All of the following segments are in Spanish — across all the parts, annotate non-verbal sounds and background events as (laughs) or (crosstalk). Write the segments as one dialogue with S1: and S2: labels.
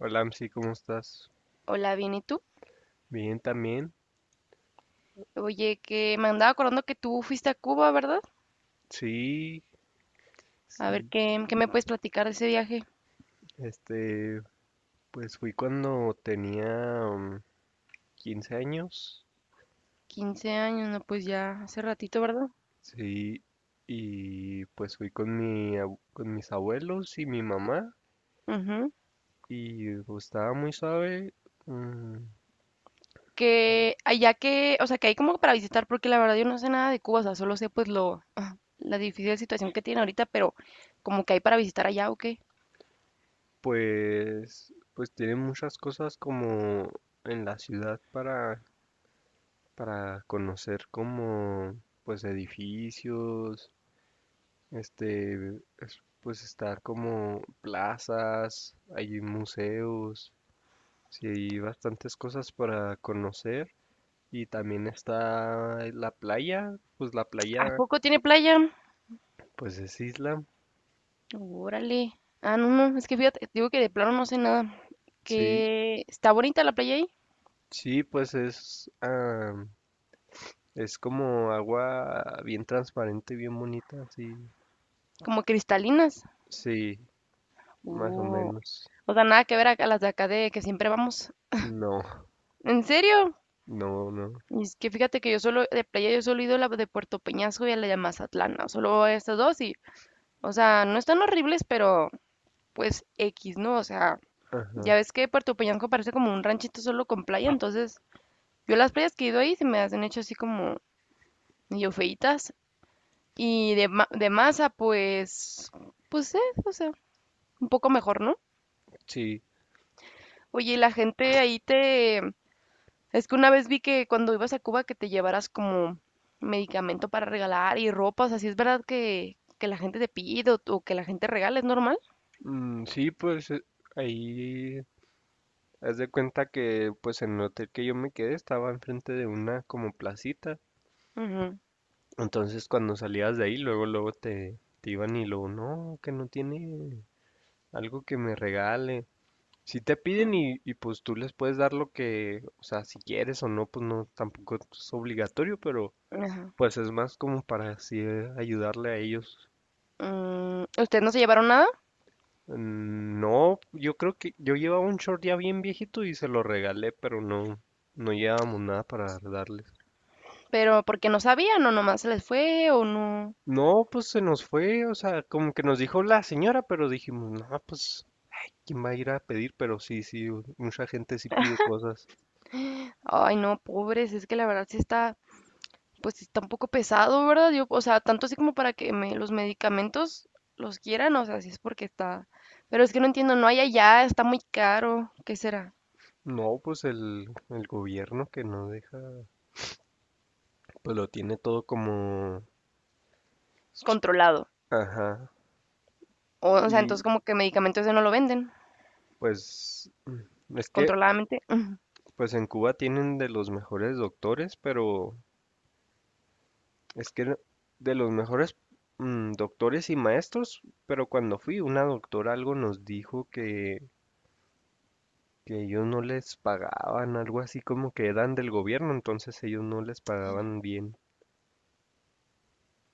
S1: Hola, Amsi, ¿cómo estás?
S2: Hola, bien, ¿y tú?
S1: Bien, también.
S2: Oye, que me andaba acordando que tú fuiste a Cuba, ¿verdad?
S1: Sí,
S2: A ver,
S1: sí.
S2: ¿qué me puedes platicar de ese viaje?
S1: Este, pues fui cuando tenía 15 años.
S2: 15 años, no, pues ya hace ratito, ¿verdad?
S1: Sí, y pues fui con mis abuelos y mi mamá
S2: Ujú.
S1: y pues, estaba muy suave. mm,
S2: Que allá que, o sea, que hay como para visitar, porque la verdad yo no sé nada de Cuba, o sea, solo sé pues lo, (laughs) ah, la difícil situación que tiene ahorita, pero como que hay para visitar allá, ¿o qué?
S1: pues tiene muchas cosas como en la ciudad para conocer, como pues edificios. Este, pues está como plazas, hay museos, sí, hay bastantes cosas para conocer. Y también está la
S2: ¿A
S1: playa,
S2: poco tiene playa?
S1: pues es isla.
S2: Órale. Ah, no, no, es que fíjate, digo que de plano no sé nada.
S1: Sí,
S2: Que está bonita la playa ahí,
S1: sí, pues es como agua bien transparente, bien bonita, sí,
S2: como cristalinas.
S1: sí, más o
S2: Uh,
S1: menos.
S2: o sea, nada que ver a, las de acá de que siempre vamos.
S1: No,
S2: ¿En serio?
S1: no, no.
S2: Y es que fíjate que yo solo, de playa, yo solo he ido a la de Puerto Peñasco y a la de Mazatlán, ¿no? Solo a estas dos y, o sea, no están horribles, pero pues X, ¿no? O sea, ya
S1: Ajá,
S2: ves que Puerto Peñasco parece como un ranchito solo con playa, entonces yo las playas que he ido ahí se me han hecho así como medio feitas. Y de Maza pues, o sea, un poco mejor, ¿no?
S1: sí.
S2: Oye, ¿y la gente ahí te, es que una vez vi que cuando ibas a Cuba que te llevaras como medicamento para regalar y ropa, o sea, si es verdad que la gente te pide o que la gente regala, ¿es normal?
S1: Mm, sí, pues ahí, haz de cuenta que pues en el hotel que yo me quedé estaba enfrente de una como placita.
S2: Ujú,
S1: Entonces cuando salías de ahí, luego, luego te iban y luego, no, que no tiene algo que me regale. Si te piden y pues tú les puedes dar lo que, o sea, si quieres o no, pues no, tampoco es obligatorio, pero
S2: ajá.
S1: pues es más como para así ayudarle a ellos.
S2: Mm, ¿ustedes no se llevaron nada?
S1: Mm, no, yo creo que yo llevaba un short ya bien viejito y se lo regalé, pero no, no llevábamos nada para darle.
S2: ¿Pero porque no sabían o nomás se les fue o no?
S1: No, pues se nos fue, o sea, como que nos dijo la señora, pero dijimos, no, pues, ¿quién va a ir a pedir? Pero sí, sí, mucha gente sí pide cosas.
S2: Ay, no, pobres, es que la verdad sí está, pues sí está un poco pesado, ¿verdad? Yo, o sea, tanto así como para que me, los medicamentos los quieran, o sea, sí es porque está. Pero es que no entiendo, no hay allá, está muy caro, ¿qué será?
S1: No, pues el gobierno que no deja, pues lo tiene todo como,
S2: Controlado.
S1: ajá,
S2: O sea, entonces
S1: y
S2: como que medicamentos ese no lo venden
S1: pues, es que,
S2: controladamente.
S1: pues en Cuba tienen de los mejores doctores, pero es que de los mejores doctores y maestros, pero cuando fui, una doctora algo nos dijo que ellos no les pagaban, algo así como que eran del gobierno, entonces ellos no les pagaban bien.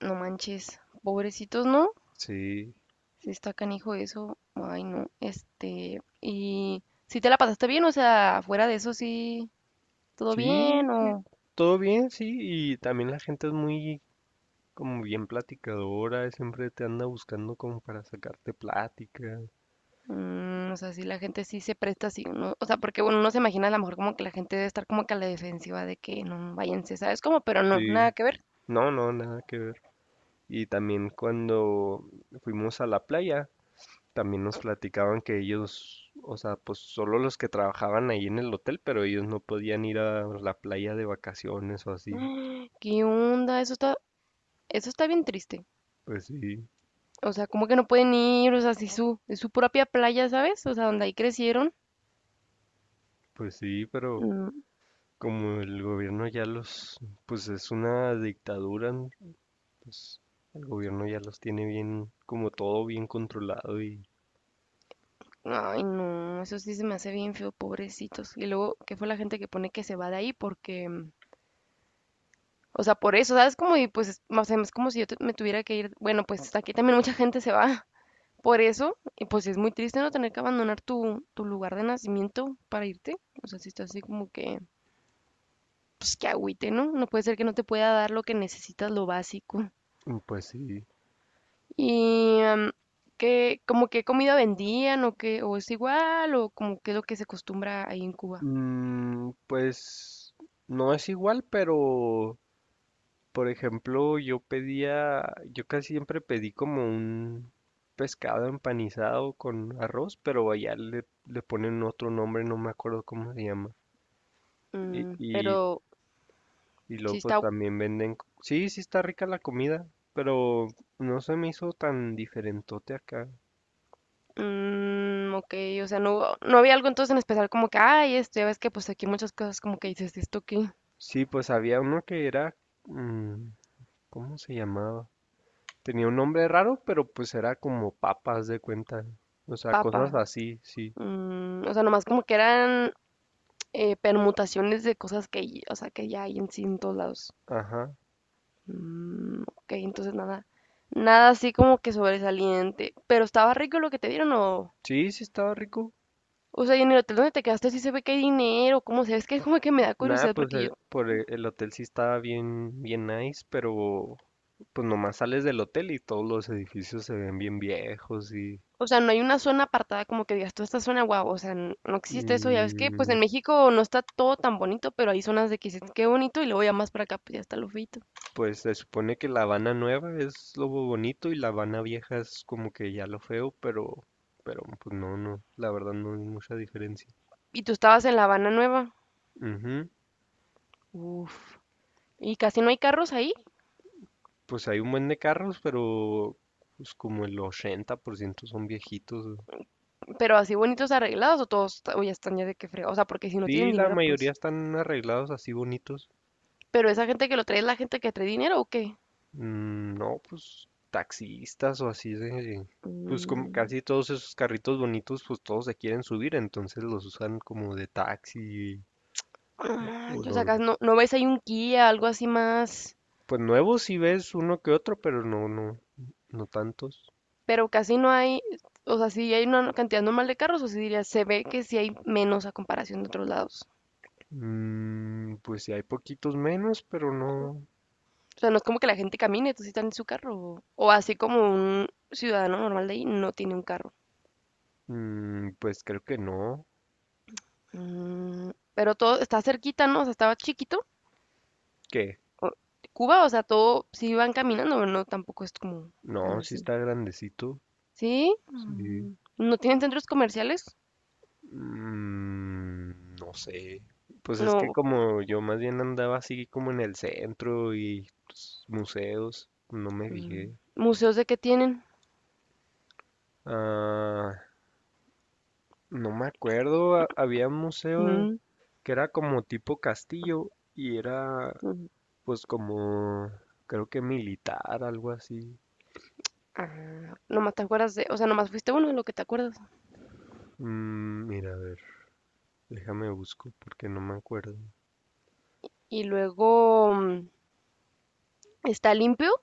S2: No manches, pobrecitos, ¿no?
S1: Sí,
S2: Si está canijo eso, ay no, este, y si te la pasaste bien, o sea, fuera de eso sí, todo
S1: sí,
S2: bien,
S1: todo bien, sí, y también la gente es muy como bien platicadora, siempre te anda buscando como para sacarte plática.
S2: o sea, si la gente sí se presta, sí, uno, o sea, porque bueno, uno no se imagina a lo mejor como que la gente debe estar como que a la defensiva de que no, váyanse, ¿sabes cómo? Pero no,
S1: Sí,
S2: nada que ver.
S1: no, no, nada que ver. Y también cuando fuimos a la playa, también nos platicaban que ellos, o sea, pues solo los que trabajaban ahí en el hotel, pero ellos no podían ir a la playa de vacaciones o así.
S2: (gasps) ¿Qué onda? Eso está bien triste.
S1: Pues sí.
S2: O sea, como que no pueden ir, o sea, si su, es su propia playa, ¿sabes? O sea, donde ahí crecieron.
S1: Pues sí, pero
S2: Mm.
S1: como el gobierno ya los, pues es una dictadura, ¿no? Pues el gobierno ya los tiene bien, como todo bien controlado y
S2: Ay, no, eso sí se me hace bien feo, pobrecitos. Y luego, ¿qué fue la gente que pone que se va de ahí? Porque, o sea, por eso, ¿sabes? Como, y pues, o sea, es como si yo me tuviera que ir. Bueno, pues aquí también mucha gente se va (laughs) por eso. Y pues es muy triste no tener que abandonar tu lugar de nacimiento para irte. O sea, si estás así como que, pues que agüite, ¿no? No puede ser que no te pueda dar lo que necesitas, lo básico.
S1: y pues sí.
S2: Y, mm, ¿como qué comida vendían o qué, o es igual, o como qué es lo que se acostumbra ahí en Cuba?
S1: Pues no es igual, pero por ejemplo yo pedía, yo casi siempre pedí como un pescado empanizado con arroz, pero allá le, le ponen otro nombre, no me acuerdo cómo se llama. Y,
S2: Mm,
S1: y
S2: pero
S1: Y
S2: sí
S1: luego pues
S2: está,
S1: también venden. Sí, sí está rica la comida, pero no se me hizo tan diferentote acá.
S2: ok, o sea, no, no había algo entonces en especial como que, ay, esto, ya ves que pues aquí muchas cosas como que dices, esto qué,
S1: Sí, pues había uno que era... mm, ¿cómo se llamaba? Tenía un nombre raro, pero pues era como papas de cuenta. O sea, cosas
S2: papa,
S1: así, sí.
S2: o sea, nomás como que eran permutaciones de cosas que, o sea, que ya hay en sí en todos lados.
S1: Ajá.
S2: Mm, ok, entonces nada, nada así como que sobresaliente, pero estaba rico lo que te dieron o...
S1: Sí, sí estaba rico.
S2: O sea, y en el hotel donde te quedaste sí se ve que hay dinero, ¿cómo se ve? Es que como que me da
S1: Nada,
S2: curiosidad
S1: pues
S2: porque yo
S1: por el hotel sí estaba bien, bien nice, pero pues nomás sales del hotel y todos los edificios se ven bien viejos
S2: o sea, no hay una zona apartada como que digas, tú esta zona, guau, o sea, n- no existe eso, ya ves que, pues
S1: mm,
S2: en México no está todo tan bonito, pero hay zonas de que dices, qué bonito, y luego ya más para acá, pues ya está lo feito.
S1: Pues se supone que La Habana nueva es lo bonito y La Habana vieja es como que ya lo feo, pero pues no, no, la verdad no hay mucha diferencia.
S2: Y tú estabas en La Habana Nueva,
S1: Ujú,
S2: uff, y casi no hay carros ahí,
S1: pues hay un buen de carros, pero pues como el 80% son viejitos. Güey.
S2: pero así bonitos arreglados, o todos, o ya están ya de que frega, o sea, porque si no tienen
S1: Sí, la
S2: dinero,
S1: mayoría
S2: pues.
S1: están arreglados así bonitos.
S2: Pero esa gente que lo trae es la gente que trae dinero, ¿o qué?
S1: Mm, no, pues taxistas o así. Pues como
S2: Mm,
S1: casi todos esos carritos bonitos, pues todos se quieren subir, entonces los usan como de taxi
S2: no
S1: o
S2: manches, o sea,
S1: los
S2: acá no, no ves ahí un Kia, algo así más,
S1: pues nuevos sí ves uno que otro, pero no, no, no tantos.
S2: pero casi no hay, o sea, sí hay una cantidad normal de carros, o sí diría, se ve que sí hay menos a comparación de otros lados.
S1: Pues sí hay poquitos menos, pero no.
S2: O sea, no es como que la gente camine, entonces están en su carro. O así como un ciudadano normal de ahí no tiene un carro.
S1: Pues creo que no.
S2: Mm, pero todo está cerquita, ¿no? O sea, estaba chiquito.
S1: ¿Qué?
S2: o- Cuba, o sea, todo sí van caminando, pero no tampoco es como tan
S1: No, sí
S2: así.
S1: está grandecito.
S2: ¿Sí?
S1: Sí.
S2: Mm, ¿no tienen centros comerciales?
S1: No sé. Pues es que
S2: No.
S1: como yo más bien andaba así como en el centro y pues, museos, no me
S2: Mm,
S1: fijé.
S2: ¿museos de qué tienen?
S1: Ah, no me acuerdo, había un museo
S2: Mm,
S1: que era como tipo castillo y era
S2: ujú.
S1: pues como creo que militar, algo así.
S2: Ah, nomás te acuerdas de, o sea, nomás fuiste uno de lo que te acuerdas.
S1: Mira, a ver, déjame busco porque no me acuerdo.
S2: Y luego está limpio.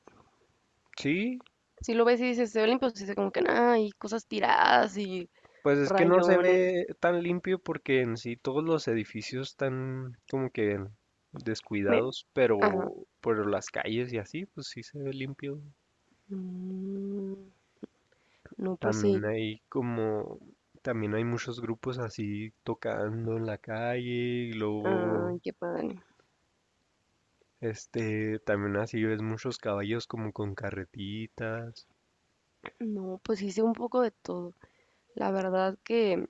S1: Sí,
S2: Si lo ves y dices, se ve limpio, se dice como que nada, hay cosas tiradas y
S1: pues es que no se
S2: rayones.
S1: ve tan limpio porque en sí todos los edificios están como que
S2: Me-
S1: descuidados,
S2: ajá.
S1: pero por las calles y así, pues sí se ve limpio.
S2: Mm, no, pues
S1: También
S2: sí.
S1: hay como, también hay muchos grupos así tocando en la calle y luego,
S2: Ay, qué padre.
S1: también así ves muchos caballos como con carretitas.
S2: No, pues hice un poco de todo. La verdad que,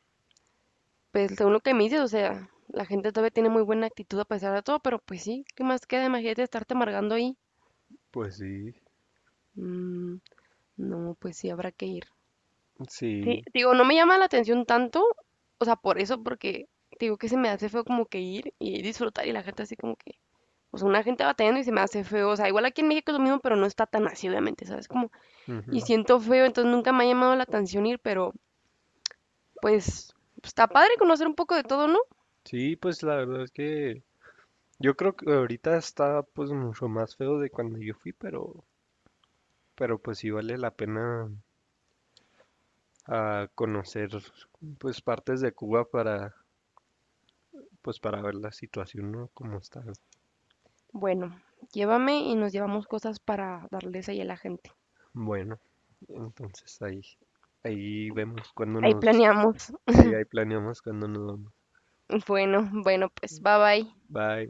S2: pues según lo que me dices, o sea, la gente todavía tiene muy buena actitud a pesar de todo, pero pues sí, ¿qué más queda? Imagínate estarte amargando ahí.
S1: Pues sí,
S2: Mm, no, pues sí, habrá que ir. Sí,
S1: sí,
S2: digo, no me llama la atención tanto, o sea, por eso, porque digo que se me hace feo como que ir y disfrutar y la gente así como que, o sea, una gente batallando y se me hace feo, o sea, igual aquí en México es lo mismo, pero no está tan así, obviamente, ¿sabes? Como,
S1: ujú.
S2: y siento feo, entonces nunca me ha llamado la atención ir, pero pues está padre conocer un poco de todo, ¿no?
S1: Sí, pues la verdad es que yo creo que ahorita está pues mucho más feo de cuando yo fui, pero pues sí vale la pena conocer pues partes de Cuba para ver la situación, ¿no? Cómo está.
S2: Bueno, llévame y nos llevamos cosas para darles ahí a la gente.
S1: Bueno, entonces ahí, ahí vemos cuando
S2: Ahí
S1: nos,
S2: planeamos.
S1: Sí, ahí planeamos cuando nos vamos.
S2: Bueno, bueno, pues bye bye.
S1: Bye.